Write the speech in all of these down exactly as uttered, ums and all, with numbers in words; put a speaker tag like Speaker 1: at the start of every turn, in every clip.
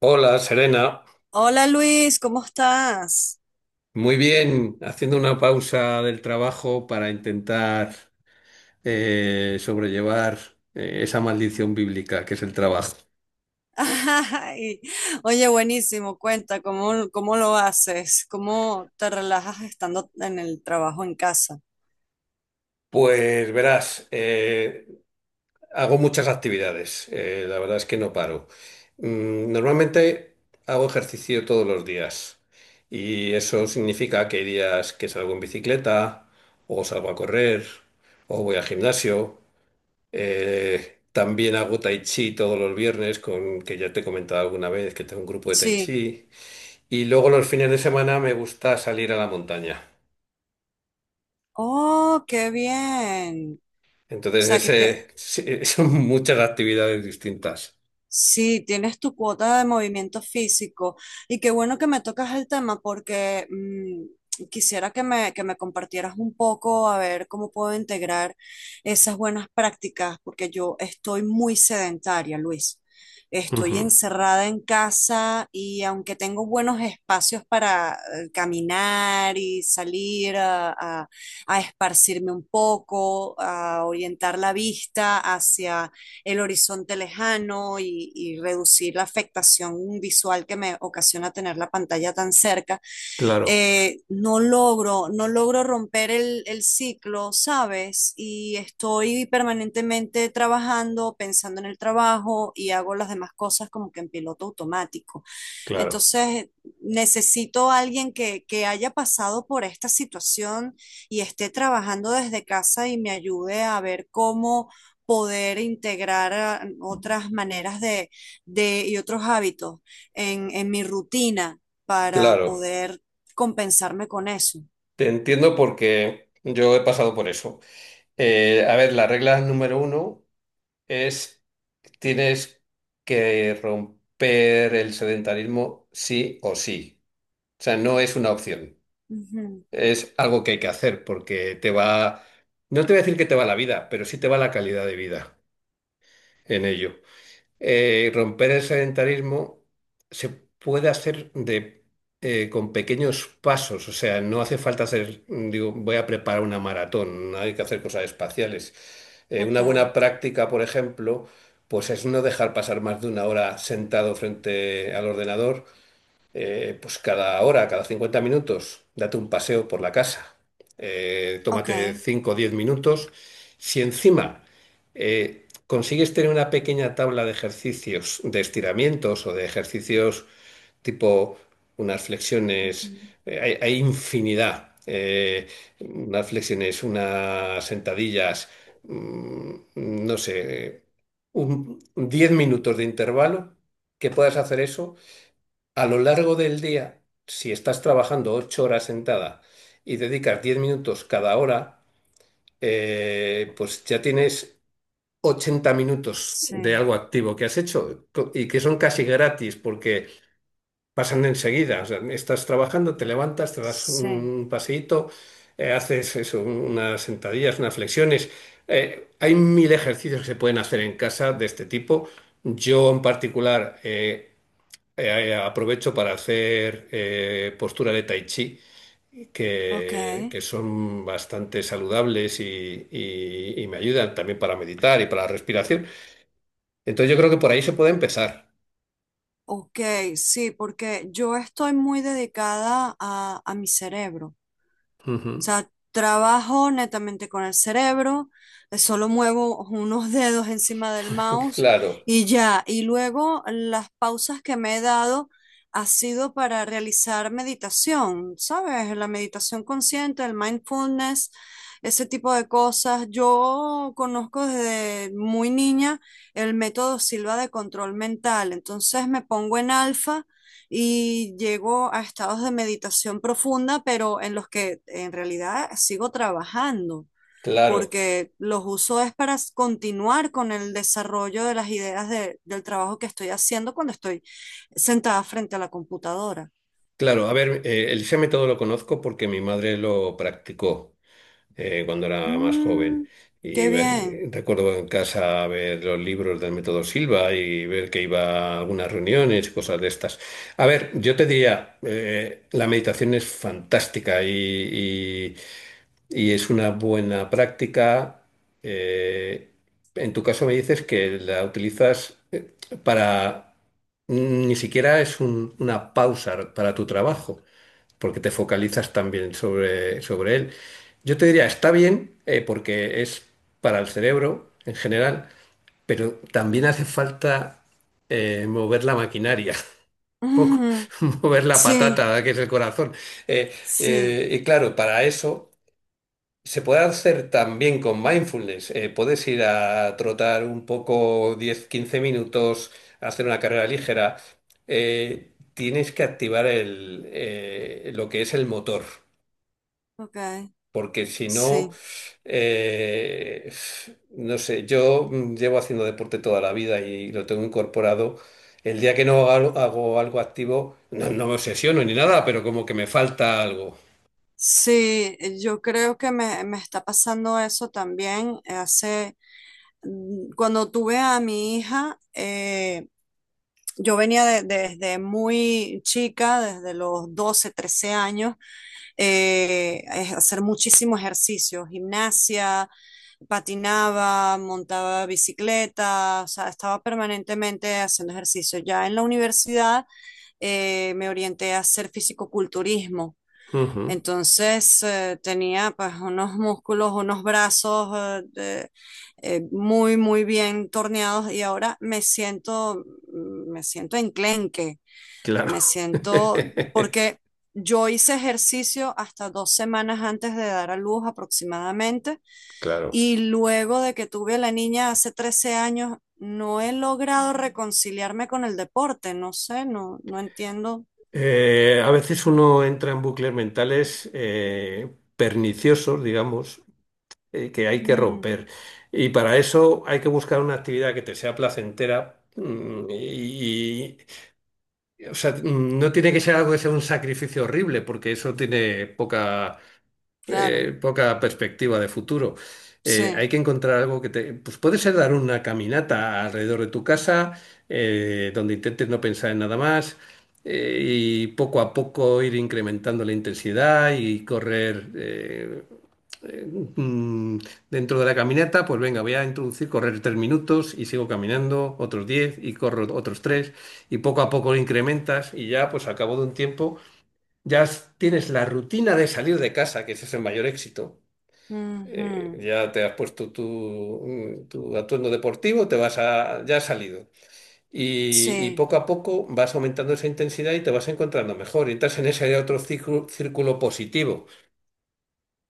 Speaker 1: Hola, Serena.
Speaker 2: Hola Luis, ¿cómo estás?
Speaker 1: Muy bien, haciendo una pausa del trabajo para intentar eh, sobrellevar eh, esa maldición bíblica que es el trabajo.
Speaker 2: Ay, oye, buenísimo, cuenta, ¿cómo, cómo lo haces? ¿Cómo te relajas estando en el trabajo en casa?
Speaker 1: Pues verás, eh, hago muchas actividades, eh, la verdad es que no paro. Mm, normalmente hago ejercicio todos los días y eso significa que hay días que salgo en bicicleta o salgo a correr o voy al gimnasio. Eh, también hago tai chi todos los viernes, con, que ya te he comentado alguna vez que tengo un grupo de tai
Speaker 2: Sí.
Speaker 1: chi. Y luego los fines de semana me gusta salir a la montaña.
Speaker 2: Oh, qué bien. O
Speaker 1: Entonces,
Speaker 2: sea, que te,
Speaker 1: ese, sí, son muchas actividades distintas.
Speaker 2: sí, tienes tu cuota de movimiento físico y qué bueno que me tocas el tema porque mm, quisiera que me, que me compartieras un poco a ver cómo puedo integrar esas buenas prácticas porque yo estoy muy sedentaria, Luis. Estoy
Speaker 1: Ujú.
Speaker 2: encerrada en casa y aunque tengo buenos espacios para eh, caminar y salir a, a a esparcirme un poco, a orientar la vista hacia el horizonte lejano y, y, reducir la afectación visual que me ocasiona tener la pantalla tan cerca,
Speaker 1: Claro,
Speaker 2: eh, no logro, no logro romper el, el, ciclo, ¿sabes? Y estoy permanentemente trabajando, pensando en el trabajo y hago las demás cosas como que en piloto automático.
Speaker 1: claro,
Speaker 2: Entonces, necesito a alguien que, que haya pasado por esta situación y esté trabajando desde casa y me ayude a ver cómo poder integrar ah, otras maneras de, de- y otros hábitos en, en mi rutina para
Speaker 1: claro.
Speaker 2: poder compensarme con eso.
Speaker 1: Te entiendo porque yo he pasado por eso. Eh, a ver, la regla número uno es tienes que romper el sedentarismo sí o sí. O sea, no es una opción.
Speaker 2: Ujú.
Speaker 1: Es algo que hay que hacer porque te va, no te voy a decir que te va la vida, pero sí te va la calidad de vida en ello. Eh, romper el sedentarismo se puede hacer de, eh, con pequeños pasos, o sea, no hace falta hacer, digo, voy a preparar una maratón, no hay que hacer cosas espaciales. Eh,
Speaker 2: Ok,
Speaker 1: una buena práctica, por ejemplo, pues es no dejar pasar más de una hora sentado frente al ordenador eh, pues cada hora, cada cincuenta minutos, date un paseo por la casa, eh,
Speaker 2: ok.
Speaker 1: tómate cinco o diez minutos. Si encima eh, consigues tener una pequeña tabla de ejercicios, de estiramientos o de ejercicios tipo unas flexiones,
Speaker 2: Ujú.
Speaker 1: eh, hay, hay infinidad, eh, unas flexiones, unas sentadillas, mm, no sé, un, diez minutos de intervalo, que puedas hacer eso. A lo largo del día, si estás trabajando ocho horas sentada y dedicas diez minutos cada hora, eh, pues ya tienes ochenta minutos de
Speaker 2: Sí,
Speaker 1: algo activo que has hecho co- y que son casi gratis porque pasan enseguida. O sea, estás trabajando, te levantas, te das
Speaker 2: sí,
Speaker 1: un paseíto, eh, haces eso, unas sentadillas, unas flexiones. Eh, hay mil ejercicios que se pueden hacer en casa de este tipo. Yo en particular... eh, eh, eh, aprovecho para hacer eh, postura de tai chi,
Speaker 2: ok.
Speaker 1: que, que son bastante saludables y, y- y me ayudan también para meditar y para la respiración. Entonces yo creo que por ahí se puede empezar.
Speaker 2: Ok, sí, porque yo estoy muy dedicada a, a mi cerebro. O
Speaker 1: Ujú.
Speaker 2: sea, trabajo netamente con el cerebro, eh, solo muevo unos dedos encima del mouse
Speaker 1: Claro,
Speaker 2: y ya. Y luego las pausas que me he dado ha sido para realizar meditación, ¿sabes? La meditación consciente, el mindfulness, ese tipo de cosas. Yo conozco desde muy niña el método Silva de control mental, entonces me pongo en alfa y llego a estados de meditación profunda, pero en los que en realidad sigo trabajando,
Speaker 1: claro,
Speaker 2: porque los uso es para continuar con el desarrollo de las ideas de- del trabajo que estoy haciendo cuando estoy sentada frente a la computadora.
Speaker 1: claro. A ver, eh, el Isame todo lo conozco porque mi madre lo practicó. Eh, cuando era más joven.
Speaker 2: Mm,
Speaker 1: Y
Speaker 2: qué bien.
Speaker 1: me- recuerdo en casa ver los libros del método Silva y ver que iba a algunas reuniones y cosas de estas. A ver, yo te diría, eh, la meditación es fantástica y, y es una buena práctica. eh, en tu caso me dices que la utilizas eh, para... Ni siquiera es un- una pausa para tu trabajo, porque te focalizas también sobre, sobre él. Yo te diría, está bien, eh, porque es para el cerebro en general, pero también hace falta eh, mover la maquinaria, un poco,
Speaker 2: Ujú.
Speaker 1: mover la
Speaker 2: Sí,
Speaker 1: patata, que es el corazón. Eh,
Speaker 2: sí,
Speaker 1: eh, y claro, para eso... Se puede hacer también con mindfulness. Eh, puedes ir a trotar un poco diez quince minutos, hacer una carrera ligera. Eh, tienes que activar el, eh, lo que es el motor,
Speaker 2: ok,
Speaker 1: porque si no,
Speaker 2: sí.
Speaker 1: eh, no sé, yo mm, llevo haciendo deporte toda la vida y lo tengo incorporado. El día que no hago, hago algo activo, no, no me obsesiono ni nada, pero como que me falta algo.
Speaker 2: Sí, yo creo que me, me, está pasando eso también. Hace mm, cuando tuve a mi hija, eh, yo venía de- desde muy chica, desde los doce, trece años, eh, es hacer muchísimo ejercicio, gimnasia, patinaba, montaba bicicleta, o sea, estaba permanentemente haciendo ejercicio. Ya en la universidad eh, me orienté a hacer fisicoculturismo.
Speaker 1: Ujú,
Speaker 2: Entonces eh, tenía pues unos músculos, unos brazos eh, de- eh, muy, muy bien torneados y ahora me siento, mm, me siento enclenque,
Speaker 1: claro,
Speaker 2: me siento, porque yo hice ejercicio hasta dos semanas antes de dar a luz aproximadamente
Speaker 1: claro.
Speaker 2: y luego de que tuve a la niña hace trece años, no he logrado reconciliarme con el deporte, no sé, no, no entiendo.
Speaker 1: Eh, a veces uno entra en bucles mentales eh, perniciosos, digamos, eh, que hay que
Speaker 2: Mm,
Speaker 1: romper. Y para eso hay que buscar una actividad que te sea placentera. mm, Y, y- o sea, mm, no tiene que ser algo que sea un sacrificio horrible, porque eso tiene poca,
Speaker 2: claro,
Speaker 1: eh, poca perspectiva de futuro. Eh,
Speaker 2: sí.
Speaker 1: hay que encontrar algo que te... Pues puede ser dar una caminata alrededor de tu casa, eh, donde intentes no pensar en nada más, eh, y poco a poco ir incrementando la intensidad y correr... eh, eh, mm, dentro de la caminata, pues venga, voy a introducir correr tres minutos y sigo caminando otros diez y corro otros tres y poco a poco lo incrementas y ya pues al cabo de un tiempo ya s- tienes la rutina de salir de casa, que ese es el mayor éxito. Eh,
Speaker 2: Ujú.
Speaker 1: ya te has puesto tu, mm, tu atuendo deportivo, te vas a, ya has salido. Y, y
Speaker 2: Sí,
Speaker 1: poco a poco vas aumentando esa intensidad y te vas encontrando mejor. Y entras en ese otro círculo, círculo positivo.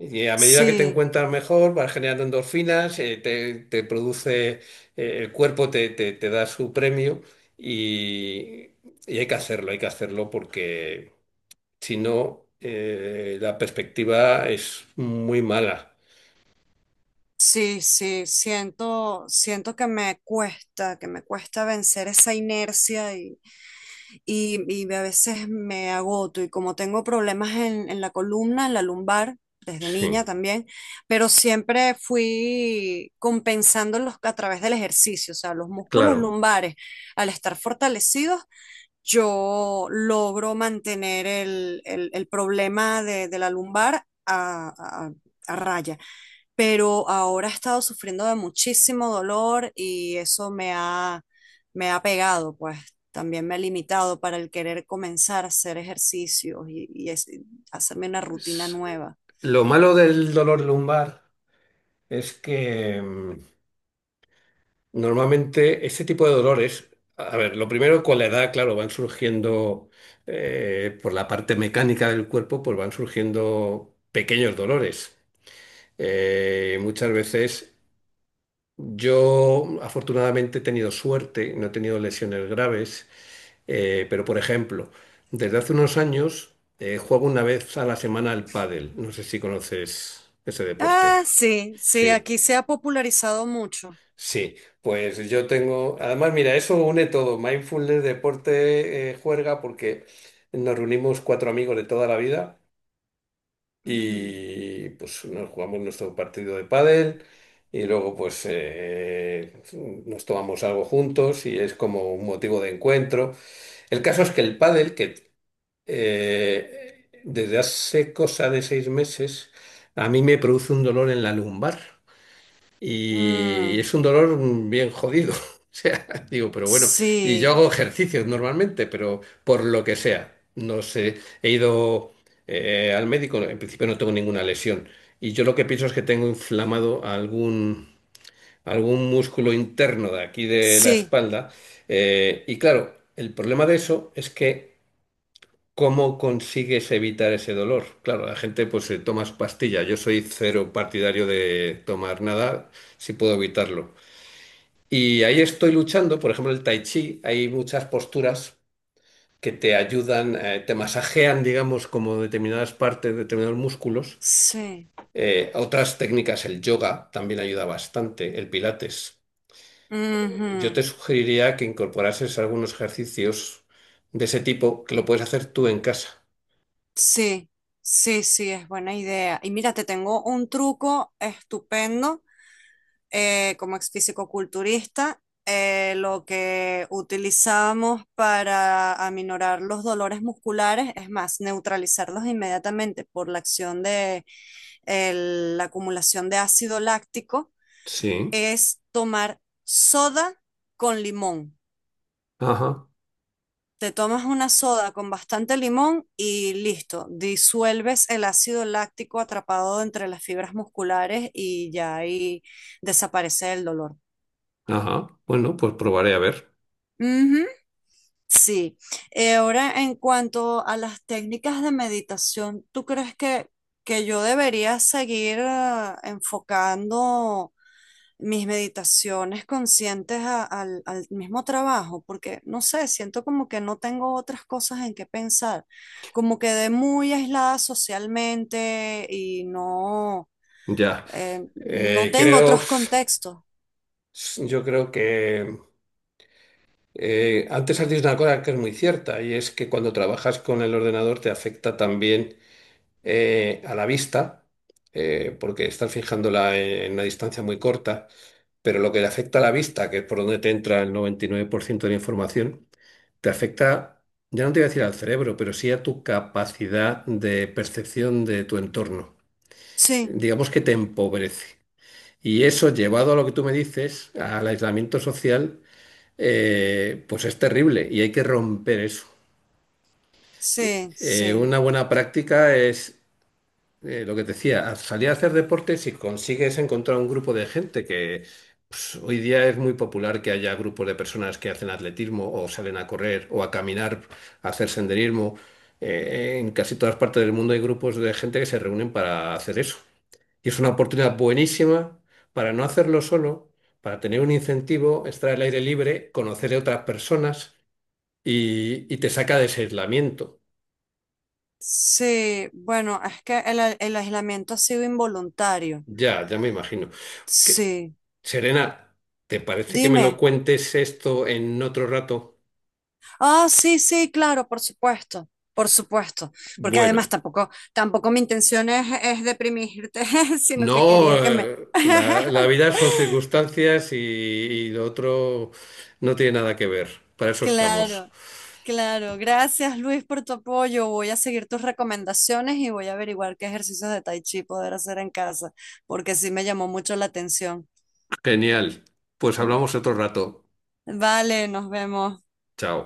Speaker 1: Y a medida que te
Speaker 2: sí,
Speaker 1: encuentras mejor, vas generando endorfinas, eh, te, te produce, eh, el cuerpo te, te te da su premio y, y hay que hacerlo, hay que hacerlo porque si no, eh, la perspectiva es muy mala.
Speaker 2: sí, sí, siento, siento que me cuesta, que me cuesta, vencer esa inercia y, y, y a veces me agoto y como tengo problemas en, en la columna, en la lumbar, desde
Speaker 1: Sí,
Speaker 2: niña también, pero siempre fui compensándolos a través del ejercicio, o sea, los músculos
Speaker 1: claro.
Speaker 2: lumbares al estar fortalecidos yo logro mantener el, el- el problema de, de la lumbar a, a- a raya. Pero ahora he estado sufriendo de muchísimo dolor y eso me ha, me ha, pegado, pues también me ha limitado para el querer comenzar a hacer ejercicios y, y es- hacerme una rutina
Speaker 1: Es-
Speaker 2: nueva.
Speaker 1: Lo malo del dolor lumbar es que mm, normalmente este tipo de dolores, a ver, lo primero con la edad, claro, van surgiendo eh, por la parte mecánica del cuerpo, pues van surgiendo pequeños dolores. Eh, muchas veces yo afortunadamente he tenido suerte, no he tenido lesiones graves. Eh, pero, por ejemplo, desde hace unos años eh, juego una vez a la semana al pádel. No sé si conoces ese deporte.
Speaker 2: Ah, sí, sí,
Speaker 1: Sí,
Speaker 2: aquí se ha popularizado mucho.
Speaker 1: sí. Pues yo tengo... Además, mira, eso une todo. Mindfulness, deporte, eh, juerga, porque nos reunimos cuatro amigos de toda la vida
Speaker 2: Ujú.
Speaker 1: y pues nos jugamos nuestro partido de pádel y luego pues eh, nos tomamos algo juntos y es como un motivo de encuentro. El caso es que el pádel, que eh, desde hace cosa de seis meses, a mí me produce un dolor en la lumbar y
Speaker 2: Mm,
Speaker 1: es un dolor bien jodido. O sea, digo, pero bueno, y yo
Speaker 2: sí,
Speaker 1: hago ejercicios normalmente, pero por lo que sea, no sé, he ido eh, al médico, en principio no tengo ninguna lesión y yo lo que pienso es que tengo inflamado algún, algún músculo interno de aquí de la
Speaker 2: sí,
Speaker 1: espalda eh, y claro, el problema de eso es que ¿cómo consigues evitar ese dolor? Claro, la gente pues se toma su pastilla. Yo soy cero partidario de tomar nada si puedo evitarlo. Y ahí estoy luchando, por ejemplo, el tai chi, hay muchas posturas que te ayudan, eh, te masajean, digamos, como determinadas partes, determinados músculos.
Speaker 2: sí.
Speaker 1: Eh, otras técnicas, el yoga también ayuda bastante, el pilates. Eh, Yo
Speaker 2: Ujú.
Speaker 1: te sugeriría que incorporases algunos ejercicios de ese tipo que lo puedes hacer tú en casa.
Speaker 2: Sí, sí, sí, es buena idea. Y mira, te tengo un truco estupendo eh, como ex fisicoculturista. Eh, lo que utilizamos para aminorar los dolores musculares, es más, neutralizarlos inmediatamente por la acción de el- la acumulación de ácido láctico,
Speaker 1: Sí.
Speaker 2: es tomar soda con limón.
Speaker 1: Ajá.
Speaker 2: Te tomas una soda con bastante limón y listo, disuelves el ácido láctico atrapado entre las fibras musculares y ya ahí desaparece el dolor.
Speaker 1: Ajá, bueno, pues probaré a ver.
Speaker 2: Ujú. Sí. Eh, ahora, en cuanto a las técnicas de meditación, ¿tú crees que, que yo debería seguir eh, enfocando mis meditaciones conscientes a- al, al mismo trabajo? Porque no sé, siento como que no tengo otras cosas en qué pensar, como quedé muy aislada socialmente y no,
Speaker 1: Ya.
Speaker 2: eh, no
Speaker 1: Eh,
Speaker 2: tengo
Speaker 1: creo,
Speaker 2: otros contextos.
Speaker 1: yo creo que eh, antes has dicho una cosa que es muy cierta y es que cuando trabajas con el ordenador te afecta también eh, a la vista, eh, porque estás fijándola en en una distancia muy corta, pero lo que le afecta a la vista, que es por donde te entra el noventa y nueve por ciento de la información, te afecta, ya no te voy a decir al cerebro, pero sí a tu capacidad de percepción de tu entorno.
Speaker 2: Sí,
Speaker 1: Digamos que te empobrece. Y eso, llevado a lo que tú me dices, al aislamiento social, eh, pues es terrible y hay que romper eso.
Speaker 2: sí,
Speaker 1: Eh,
Speaker 2: sí,
Speaker 1: una buena práctica es eh, lo que te decía, a- salir a hacer deporte si consigues encontrar un grupo de gente que pues, hoy día es muy popular que haya grupos de personas que hacen atletismo o salen a correr o a caminar, a hacer senderismo. Eh, en casi todas partes del mundo hay grupos de gente que se reúnen para hacer eso. Y es una oportunidad buenísima para no hacerlo solo, para tener un incentivo, estar al aire libre, conocer a otras personas y, y te saca de ese aislamiento.
Speaker 2: sí. Bueno, es que el, a- el aislamiento ha sido involuntario.
Speaker 1: Ya, ya me imagino. Que-
Speaker 2: Sí,
Speaker 1: Serena, ¿te parece que me lo
Speaker 2: dime.
Speaker 1: cuentes esto en otro rato?
Speaker 2: Ah, sí, sí, claro, por supuesto, por supuesto, porque
Speaker 1: Bueno,
Speaker 2: además tampoco, tampoco mi intención es, es deprimirte, sino que
Speaker 1: no,
Speaker 2: quería que me...
Speaker 1: eh, la, la vida son circunstancias y, y lo otro no tiene nada que ver. Para eso estamos.
Speaker 2: Claro, claro, gracias Luis por tu apoyo, voy a seguir tus recomendaciones y voy a averiguar qué ejercicios de Tai Chi poder hacer en casa, porque sí me llamó mucho la atención.
Speaker 1: Genial. Pues hablamos otro rato.
Speaker 2: Vale, nos vemos.
Speaker 1: Chao.